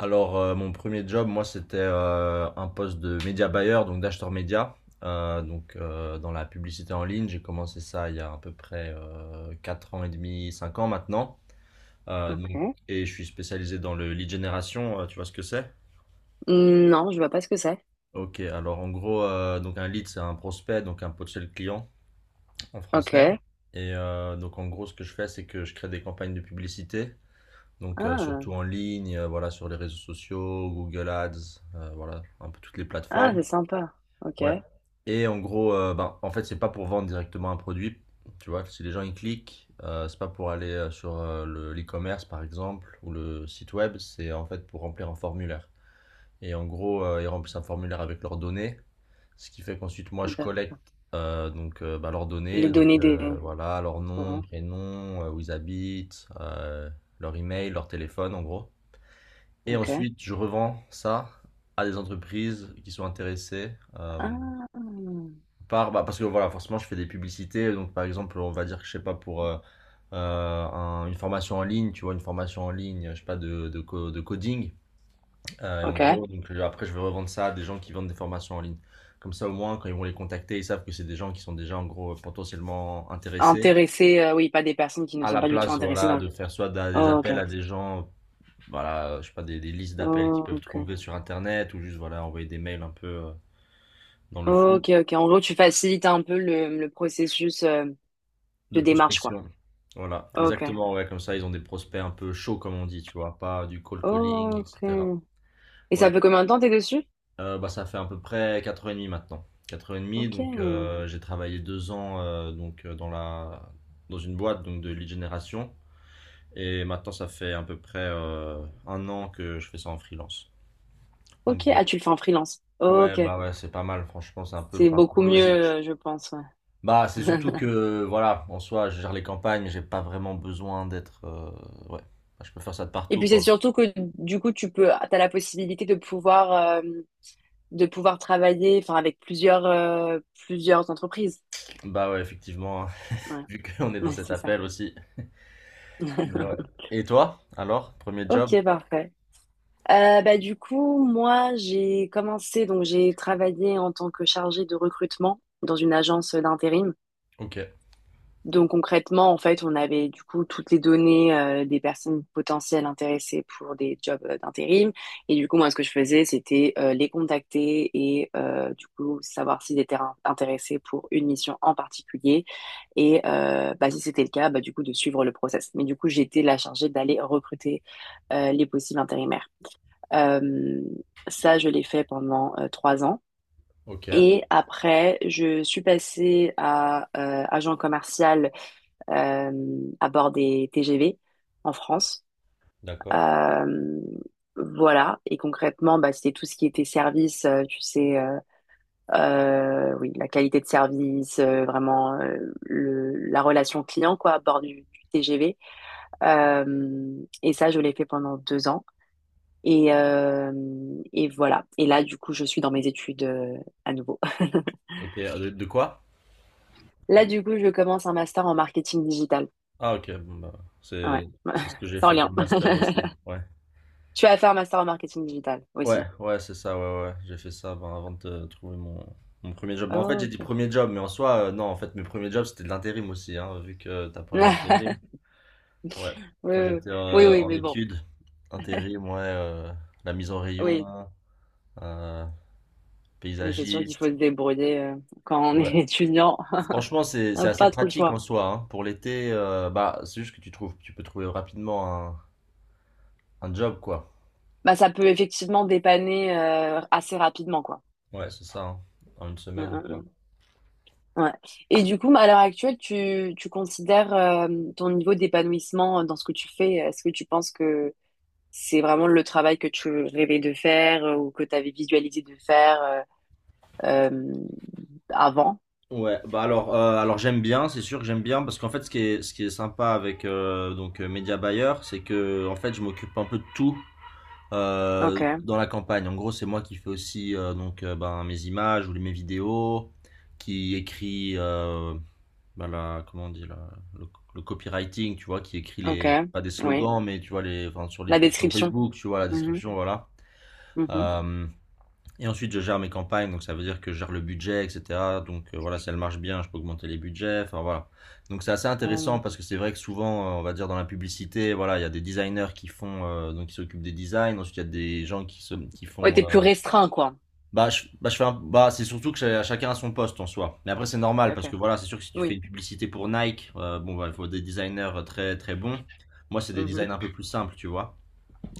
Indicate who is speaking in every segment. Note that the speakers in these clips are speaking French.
Speaker 1: Mon premier job, moi, c'était un poste de média buyer, donc d'acheteur média, dans la publicité en ligne. J'ai commencé ça il y a à peu près 4 ans et demi, 5 ans maintenant. Euh, donc,
Speaker 2: Ok.
Speaker 1: et je suis spécialisé dans le lead generation, tu vois ce que c'est?
Speaker 2: Non, je vois pas ce que c'est.
Speaker 1: Ok, alors en gros, donc un lead, c'est un prospect, donc un potentiel client en français.
Speaker 2: Ok.
Speaker 1: Et donc en gros, ce que je fais, c'est que je crée des campagnes de publicité,
Speaker 2: Ah,
Speaker 1: surtout en ligne, voilà, sur les réseaux sociaux, Google Ads, voilà, un peu toutes les
Speaker 2: ah,
Speaker 1: plateformes.
Speaker 2: c'est sympa. Ok.
Speaker 1: Ouais. Et en gros, en fait, c'est pas pour vendre directement un produit. Tu vois, si les gens ils cliquent, c'est pas pour aller sur l'e-commerce par exemple ou le site web, c'est en fait pour remplir un formulaire. Et en gros, ils remplissent un formulaire avec leurs données, ce qui fait qu'ensuite moi je
Speaker 2: De-
Speaker 1: collecte leurs
Speaker 2: Les
Speaker 1: données,
Speaker 2: données des.
Speaker 1: voilà, leur nom,
Speaker 2: Ouais.
Speaker 1: prénom, où ils habitent, leur email, leur téléphone en gros. Et
Speaker 2: Ok.
Speaker 1: ensuite, je revends ça à des entreprises qui sont intéressées. Euh,
Speaker 2: Ah.
Speaker 1: Par, parce que voilà, forcément, je fais des publicités. Donc, par exemple, on va dire que je sais pas pour une formation en ligne, tu vois, une formation en ligne, je sais pas, de coding. Et en
Speaker 2: Ok.
Speaker 1: gros, donc, après, je vais revendre ça à des gens qui vendent des formations en ligne. Comme ça, au moins, quand ils vont les contacter, ils savent que c'est des gens qui sont déjà, en gros, potentiellement intéressés.
Speaker 2: Intéressés, oui, pas des personnes qui ne
Speaker 1: À
Speaker 2: sont
Speaker 1: la
Speaker 2: pas du tout
Speaker 1: place,
Speaker 2: intéressées
Speaker 1: voilà,
Speaker 2: dans le.
Speaker 1: de faire des
Speaker 2: Oh, ok.
Speaker 1: appels à des gens, voilà, je sais pas, des listes d'appels qu'ils peuvent
Speaker 2: Ok.
Speaker 1: trouver sur Internet ou juste, voilà, envoyer des mails un peu dans le
Speaker 2: Ok,
Speaker 1: flou.
Speaker 2: ok. En gros, tu facilites un peu le processus
Speaker 1: De
Speaker 2: de démarche, quoi.
Speaker 1: prospection. Voilà,
Speaker 2: Ok.
Speaker 1: exactement, ouais, comme ça, ils ont des prospects un peu chauds, comme on dit, tu vois, pas du cold calling,
Speaker 2: Ok.
Speaker 1: etc.
Speaker 2: Et
Speaker 1: Ouais.
Speaker 2: ça fait combien de temps t'es dessus?
Speaker 1: Ça fait à peu près 4 ans et demi maintenant. 4 ans et demi,
Speaker 2: Ok.
Speaker 1: j'ai travaillé 2 ans dans la... dans une boîte donc, de lead génération et maintenant ça fait à peu près 1 an que je fais ça en freelance, en
Speaker 2: Ok. Ah,
Speaker 1: gros.
Speaker 2: tu le fais en freelance.
Speaker 1: Ouais,
Speaker 2: Ok.
Speaker 1: bah ouais, c'est pas mal, franchement, c'est un peu le
Speaker 2: C'est
Speaker 1: parcours
Speaker 2: beaucoup mieux,
Speaker 1: logique.
Speaker 2: je pense.
Speaker 1: Bah, c'est
Speaker 2: Ouais.
Speaker 1: surtout que, voilà, en soi, je gère les campagnes, j'ai pas vraiment besoin d'être. Ouais, enfin, je peux faire ça de
Speaker 2: Et
Speaker 1: partout,
Speaker 2: puis c'est
Speaker 1: quoi.
Speaker 2: surtout que du coup tu peux t'as la possibilité de pouvoir travailler enfin avec plusieurs plusieurs entreprises.
Speaker 1: Bah, ouais, effectivement, hein,
Speaker 2: Ouais,
Speaker 1: vu qu'on est dans
Speaker 2: Ouais,
Speaker 1: cet
Speaker 2: c'est ça.
Speaker 1: appel aussi. Mais ouais. Et toi, alors, premier job?
Speaker 2: Ok, parfait. Du coup, moi, j'ai commencé, donc j'ai travaillé en tant que chargée de recrutement dans une agence d'intérim.
Speaker 1: Ok,
Speaker 2: Donc concrètement, en fait, on avait du coup toutes les données des personnes potentielles intéressées pour des jobs d'intérim. Et du coup, moi, ce que je faisais, c'était les contacter et du coup savoir s'ils étaient intéressés pour une mission en particulier. Et si c'était le cas, bah, du coup, de suivre le process. Mais du coup, j'étais la chargée d'aller recruter les possibles intérimaires. Euh, ça, je l'ai fait pendant trois ans.
Speaker 1: ok,
Speaker 2: Et après, je suis passée à agent commercial à bord des TGV en France.
Speaker 1: d'accord.
Speaker 2: Euh, voilà. Et concrètement, bah, c'était tout ce qui était service, oui, la qualité de service, vraiment le, la relation client, quoi, à bord du TGV. Et ça, je l'ai fait pendant deux ans. Et, euh, et voilà. Et là, du coup, je suis dans mes études à nouveau.
Speaker 1: Ok, de quoi?
Speaker 2: Là, du coup, je commence un master en marketing digital.
Speaker 1: Ah, ok, bon, bah,
Speaker 2: Ouais,
Speaker 1: c'est c'est ce que j'ai
Speaker 2: sans
Speaker 1: fait
Speaker 2: lien.
Speaker 1: comme master aussi. Ouais.
Speaker 2: Tu vas faire un master en marketing digital
Speaker 1: Ouais,
Speaker 2: aussi.
Speaker 1: ouais, c'est ça, ouais, ouais. J'ai fait ça ben, avant de trouver mon premier job. Bah, en fait,
Speaker 2: Oh,
Speaker 1: j'ai dit
Speaker 2: ok.
Speaker 1: premier job, mais en soi, non, en fait, mes premiers jobs, c'était de l'intérim aussi, hein, vu que t'as parlé d'intérim. Ouais,
Speaker 2: Oui,
Speaker 1: quand
Speaker 2: oui,
Speaker 1: j'étais
Speaker 2: oui, oui,
Speaker 1: en
Speaker 2: mais bon.
Speaker 1: études, intérim, ouais, la mise en
Speaker 2: Oui,
Speaker 1: rayon, euh,
Speaker 2: oui, c'est sûr qu'il faut se
Speaker 1: paysagiste.
Speaker 2: débrouiller quand on est
Speaker 1: Ouais.
Speaker 2: étudiant.
Speaker 1: Franchement, c'est
Speaker 2: On
Speaker 1: c'est
Speaker 2: n'a
Speaker 1: assez
Speaker 2: pas trop le
Speaker 1: pratique
Speaker 2: choix.
Speaker 1: en soi. Hein. Pour l'été, bah, c'est juste que tu trouves, tu peux trouver rapidement un job, quoi.
Speaker 2: Bah, ça peut effectivement dépanner assez rapidement, quoi.
Speaker 1: Ouais, c'est ça, hein. En une
Speaker 2: Mm,
Speaker 1: semaine,
Speaker 2: mm,
Speaker 1: quoi.
Speaker 2: mm. Ouais. Et du coup, à l'heure actuelle, tu considères ton niveau d'épanouissement dans ce que tu fais? Est-ce que tu penses que c'est vraiment le travail que tu rêvais de faire ou que tu avais visualisé de faire euh, avant?
Speaker 1: Ouais, bah alors j'aime bien, c'est sûr que j'aime bien, parce qu'en fait, ce qui est sympa avec Media Buyer, c'est que en fait, je m'occupe un peu de tout.
Speaker 2: Ok,
Speaker 1: Dans la campagne. En gros, c'est moi qui fais aussi mes images ou mes vidéos, qui écrit comment on dit le copywriting, tu vois, qui écrit
Speaker 2: ok,
Speaker 1: les pas des
Speaker 2: oui.
Speaker 1: slogans, mais tu vois les enfin, sur les
Speaker 2: La
Speaker 1: pubs sur
Speaker 2: description.
Speaker 1: Facebook, tu vois la
Speaker 2: Mmh mh.
Speaker 1: description, voilà.
Speaker 2: Mmh
Speaker 1: Euh, et ensuite, je gère mes campagnes, donc ça veut dire que je gère le budget, etc. Donc voilà, si elle marche bien, je peux augmenter les budgets. Enfin voilà. Donc c'est assez intéressant
Speaker 2: Mmh.
Speaker 1: parce que c'est vrai que souvent, on va dire dans la publicité, voilà, il y a des designers qui font, qui s'occupent des designs. Ensuite, il y a des gens qui
Speaker 2: Ouais,
Speaker 1: font.
Speaker 2: tu plus restreint, quoi.
Speaker 1: Je fais c'est surtout que chacun a son poste en soi. Mais après, c'est normal
Speaker 2: C'est OK.
Speaker 1: parce que voilà, c'est sûr que si tu fais
Speaker 2: Oui.
Speaker 1: une publicité pour Nike, bon, bah, il faut des designers très très bons. Moi, c'est des designs
Speaker 2: Mmh
Speaker 1: un peu plus simples, tu vois.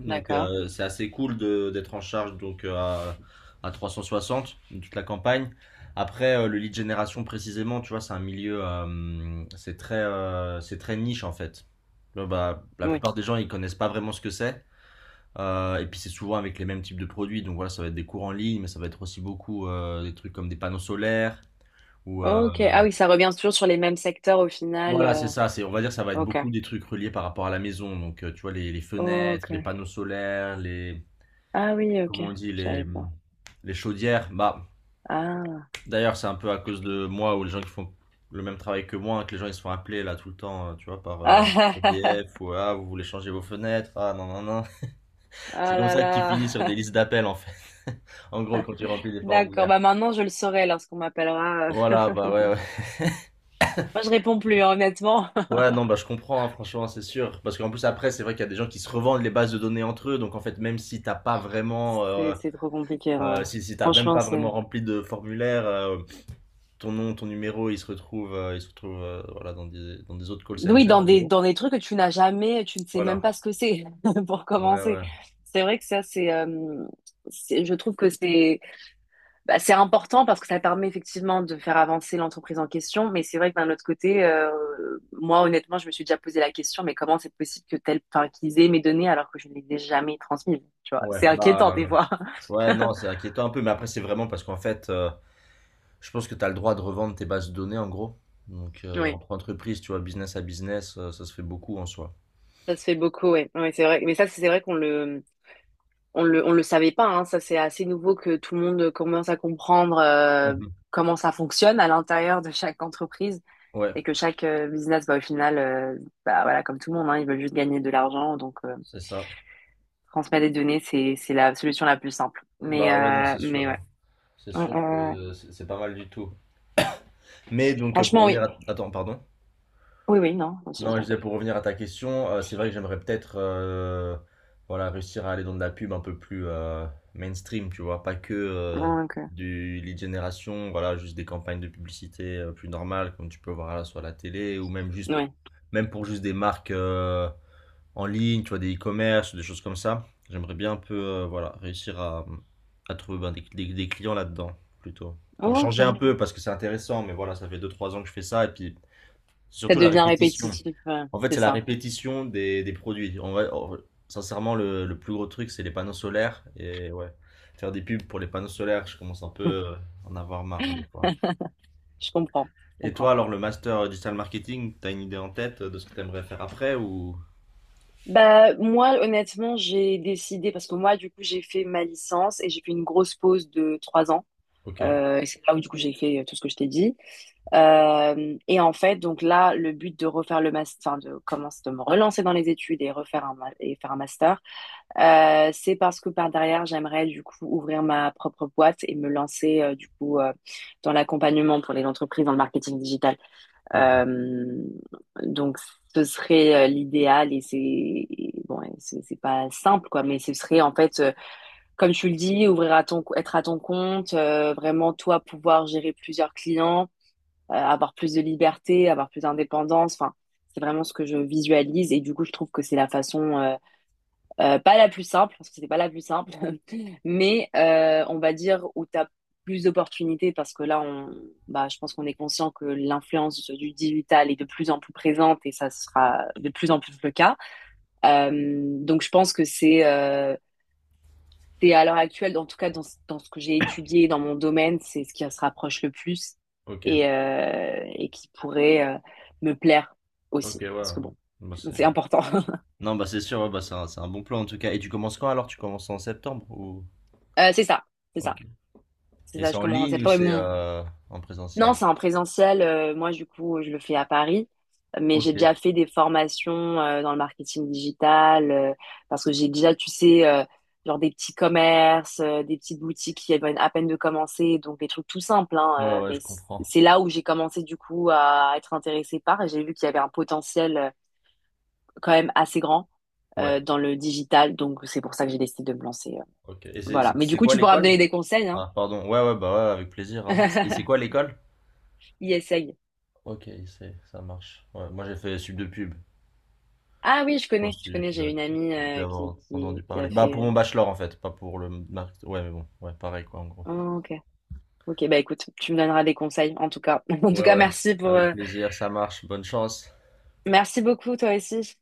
Speaker 1: Donc
Speaker 2: D'accord.
Speaker 1: c'est assez cool d'être en charge à 360 de toute la campagne. Après le lead génération précisément, tu vois, c'est un milieu c'est très niche en fait. Là, bah, la
Speaker 2: Oui.
Speaker 1: plupart des gens ils connaissent pas vraiment ce que c'est. Et puis c'est souvent avec les mêmes types de produits. Donc voilà, ça va être des cours en ligne, mais ça va être aussi beaucoup des trucs comme des panneaux solaires ou
Speaker 2: OK. Ah oui, ça revient toujours sur les mêmes secteurs au final.
Speaker 1: voilà, c'est ça, c'est, on va dire ça va être
Speaker 2: OK.
Speaker 1: beaucoup des trucs reliés par rapport à la maison. Donc, tu vois, les fenêtres, les
Speaker 2: OK.
Speaker 1: panneaux solaires,
Speaker 2: Ah oui, OK.
Speaker 1: comment on dit,
Speaker 2: Je savais pas.
Speaker 1: les chaudières. Bah,
Speaker 2: Ah.
Speaker 1: d'ailleurs, c'est un peu à cause de moi ou les gens qui font le même travail que moi, que les gens ils se font appeler là tout le temps, tu vois, par
Speaker 2: Ah, ah, ah, ah.
Speaker 1: EDF ou ah, vous voulez changer vos fenêtres, ah non, non, non. C'est
Speaker 2: Ah
Speaker 1: comme
Speaker 2: là
Speaker 1: ça qu'ils
Speaker 2: là.
Speaker 1: finissent sur des listes d'appels en fait. En gros, quand tu remplis des
Speaker 2: D'accord.
Speaker 1: formulaires.
Speaker 2: Bah maintenant, je le saurai lorsqu'on m'appellera.
Speaker 1: Voilà, bah ouais, ouais.
Speaker 2: Moi, je réponds plus, hein, honnêtement.
Speaker 1: Ouais, non, bah je comprends, hein, franchement, c'est sûr. Parce qu'en plus, après, c'est vrai qu'il y a des gens qui se revendent les bases de données entre eux. Donc, en fait, même si t'as pas vraiment,
Speaker 2: C'est trop compliqué, en vrai.
Speaker 1: si, si t'as même
Speaker 2: Franchement,
Speaker 1: pas vraiment
Speaker 2: c'est...
Speaker 1: rempli de formulaire, ton nom, ton numéro, ils se retrouvent il se retrouvent voilà, dans des autres call
Speaker 2: Oui,
Speaker 1: centers,
Speaker 2: dans
Speaker 1: en gros.
Speaker 2: dans des trucs que tu n'as jamais, tu ne sais même
Speaker 1: Voilà.
Speaker 2: pas ce que c'est, pour
Speaker 1: Ouais,
Speaker 2: commencer.
Speaker 1: ouais.
Speaker 2: C'est vrai que ça, je trouve que c'est important parce que ça permet effectivement de faire avancer l'entreprise en question. Mais c'est vrai que d'un autre côté, moi, honnêtement, je me suis déjà posé la question, mais comment c'est possible que tel, enfin, qu'ils aient mes données alors que je ne les ai jamais transmises, tu vois?
Speaker 1: Ouais,
Speaker 2: C'est inquiétant,
Speaker 1: bah,
Speaker 2: des
Speaker 1: euh,
Speaker 2: fois.
Speaker 1: ouais, non, c'est inquiétant un peu, mais après, c'est vraiment parce qu'en fait, je pense que tu as le droit de revendre tes bases de données, en gros. Donc,
Speaker 2: Oui,
Speaker 1: entre entreprises, tu vois, business à business, ça se fait beaucoup en soi.
Speaker 2: ça se fait beaucoup, ouais. Ouais, c'est vrai. Mais ça, c'est vrai qu'on on le savait pas, hein, ça c'est assez nouveau que tout le monde commence à comprendre
Speaker 1: Mhm.
Speaker 2: comment ça fonctionne à l'intérieur de chaque entreprise
Speaker 1: Ouais,
Speaker 2: et que chaque business, au final, voilà, comme tout le monde, hein, ils veulent juste gagner de l'argent, donc
Speaker 1: c'est ça.
Speaker 2: transmettre des données, c'est la solution la plus simple.
Speaker 1: Bah, ouais, non, c'est sûr,
Speaker 2: Mais ouais,
Speaker 1: hein. C'est
Speaker 2: Euh,
Speaker 1: sûr
Speaker 2: euh,
Speaker 1: que c'est pas mal du tout. Mais donc, pour
Speaker 2: franchement,
Speaker 1: revenir
Speaker 2: oui.
Speaker 1: à... Attends, pardon.
Speaker 2: Oui, oui, non, je
Speaker 1: Non, je disais
Speaker 2: t'inquiète.
Speaker 1: pour revenir à ta question, c'est vrai que j'aimerais peut-être voilà, réussir à aller dans de la pub un peu plus mainstream, tu vois, pas que
Speaker 2: Donc,
Speaker 1: du lead generation, voilà, juste des campagnes de publicité plus normales comme tu peux voir là sur la télé ou même juste
Speaker 2: ouais.
Speaker 1: même pour juste des marques en ligne, tu vois, des e-commerce, des choses comme ça. J'aimerais bien un peu voilà, réussir à trouver des clients là-dedans plutôt. Pour changer un
Speaker 2: Ok.
Speaker 1: peu parce que c'est intéressant, mais voilà, ça fait deux trois ans que je fais ça et puis c'est
Speaker 2: Ça
Speaker 1: surtout la
Speaker 2: devient
Speaker 1: répétition.
Speaker 2: répétitif,
Speaker 1: En fait,
Speaker 2: c'est
Speaker 1: c'est la
Speaker 2: ça.
Speaker 1: répétition des produits. En vrai, sincèrement, le plus gros truc, c'est les panneaux solaires. Et ouais, faire des pubs pour les panneaux solaires, je commence un peu à en avoir marre des fois.
Speaker 2: Je comprends, je
Speaker 1: Et toi,
Speaker 2: comprends.
Speaker 1: alors, le master digital marketing, t'as une idée en tête de ce que t'aimerais faire après ou...
Speaker 2: Bah, moi, honnêtement, j'ai décidé, parce que moi, du coup, j'ai fait ma licence et j'ai fait une grosse pause de trois ans.
Speaker 1: Ok,
Speaker 2: Et c'est là où, du coup, j'ai fait tout ce que je t'ai dit. Et en fait, donc là, le but de refaire le master, enfin, de commencer, de me relancer dans les études et refaire et faire un master, c'est parce que par derrière, j'aimerais, du coup, ouvrir ma propre boîte et me lancer, dans l'accompagnement pour les entreprises dans le marketing digital.
Speaker 1: ok,
Speaker 2: Euh, donc, ce serait l'idéal et c'est et bon, et c'est pas simple quoi, mais ce serait en fait, comme tu le dis, ouvrir à ton, être à ton compte, vraiment toi pouvoir gérer plusieurs clients, avoir plus de liberté, avoir plus d'indépendance. Enfin, c'est vraiment ce que je visualise et du coup, je trouve que c'est la façon pas la plus simple, parce que c'était pas la plus simple, mais on va dire où tu as plus d'opportunités, parce que là, on, bah, je pense qu'on est conscient que l'influence du digital est de plus en plus présente et ça sera de plus en plus le cas. Euh, donc je pense que c'est à l'heure actuelle, en tout cas dans, dans ce que j'ai étudié, dans mon domaine, c'est ce qui se rapproche le plus
Speaker 1: ok,
Speaker 2: et qui pourrait me plaire
Speaker 1: ok,
Speaker 2: aussi, parce
Speaker 1: ouais.
Speaker 2: que bon,
Speaker 1: Bah, c'est-
Speaker 2: c'est important.
Speaker 1: non, bah c'est sûr, ouais, bah, c'est un bon plan en tout cas. Et tu commences quand alors? Tu commences en septembre ou...
Speaker 2: C'est ça, c'est ça.
Speaker 1: Ok.
Speaker 2: C'est
Speaker 1: Et
Speaker 2: ça,
Speaker 1: c'est
Speaker 2: je
Speaker 1: en
Speaker 2: commence en
Speaker 1: ligne ou c'est
Speaker 2: septembre.
Speaker 1: en
Speaker 2: Non,
Speaker 1: présentiel?
Speaker 2: c'est en présentiel. Moi, du coup, je le fais à Paris, mais j'ai déjà
Speaker 1: Ok.
Speaker 2: fait des formations dans le marketing digital parce que j'ai déjà, tu sais, genre des petits commerces, des petites boutiques qui viennent à peine de commencer, donc des trucs tout simples,
Speaker 1: Ouais,
Speaker 2: hein,
Speaker 1: ouais, je
Speaker 2: mais
Speaker 1: comprends.
Speaker 2: c'est là où j'ai commencé, du coup, à être intéressée par et j'ai vu qu'il y avait un potentiel quand même assez grand
Speaker 1: Ouais.
Speaker 2: dans le digital, donc c'est pour ça que j'ai décidé de me lancer.
Speaker 1: Ok. Et
Speaker 2: Voilà. Mais du
Speaker 1: c'est
Speaker 2: coup,
Speaker 1: quoi
Speaker 2: tu pourras me donner
Speaker 1: l'école?
Speaker 2: des conseils, hein.
Speaker 1: Ah, pardon. Ouais, ouais, bah ouais, avec plaisir, hein. Et c'est quoi l'école?
Speaker 2: Yes,
Speaker 1: Ok, c'est, ça marche. Ouais, moi j'ai fait sub de pub.
Speaker 2: Ah oui,
Speaker 1: Je pense que
Speaker 2: je connais,
Speaker 1: tu
Speaker 2: j'ai
Speaker 1: dois,
Speaker 2: une amie
Speaker 1: tu avoir entendu
Speaker 2: qui
Speaker 1: parler.
Speaker 2: a
Speaker 1: Bah pour
Speaker 2: fait...
Speaker 1: mon bachelor en fait, pas pour ouais, mais bon, ouais, pareil quoi en gros.
Speaker 2: oh, ok, ok, bah écoute, tu me donneras des conseils en tout cas. En tout
Speaker 1: Ouais,
Speaker 2: cas,
Speaker 1: ouais.
Speaker 2: merci pour...
Speaker 1: Avec plaisir, ça marche. Bonne chance.
Speaker 2: Merci beaucoup toi aussi.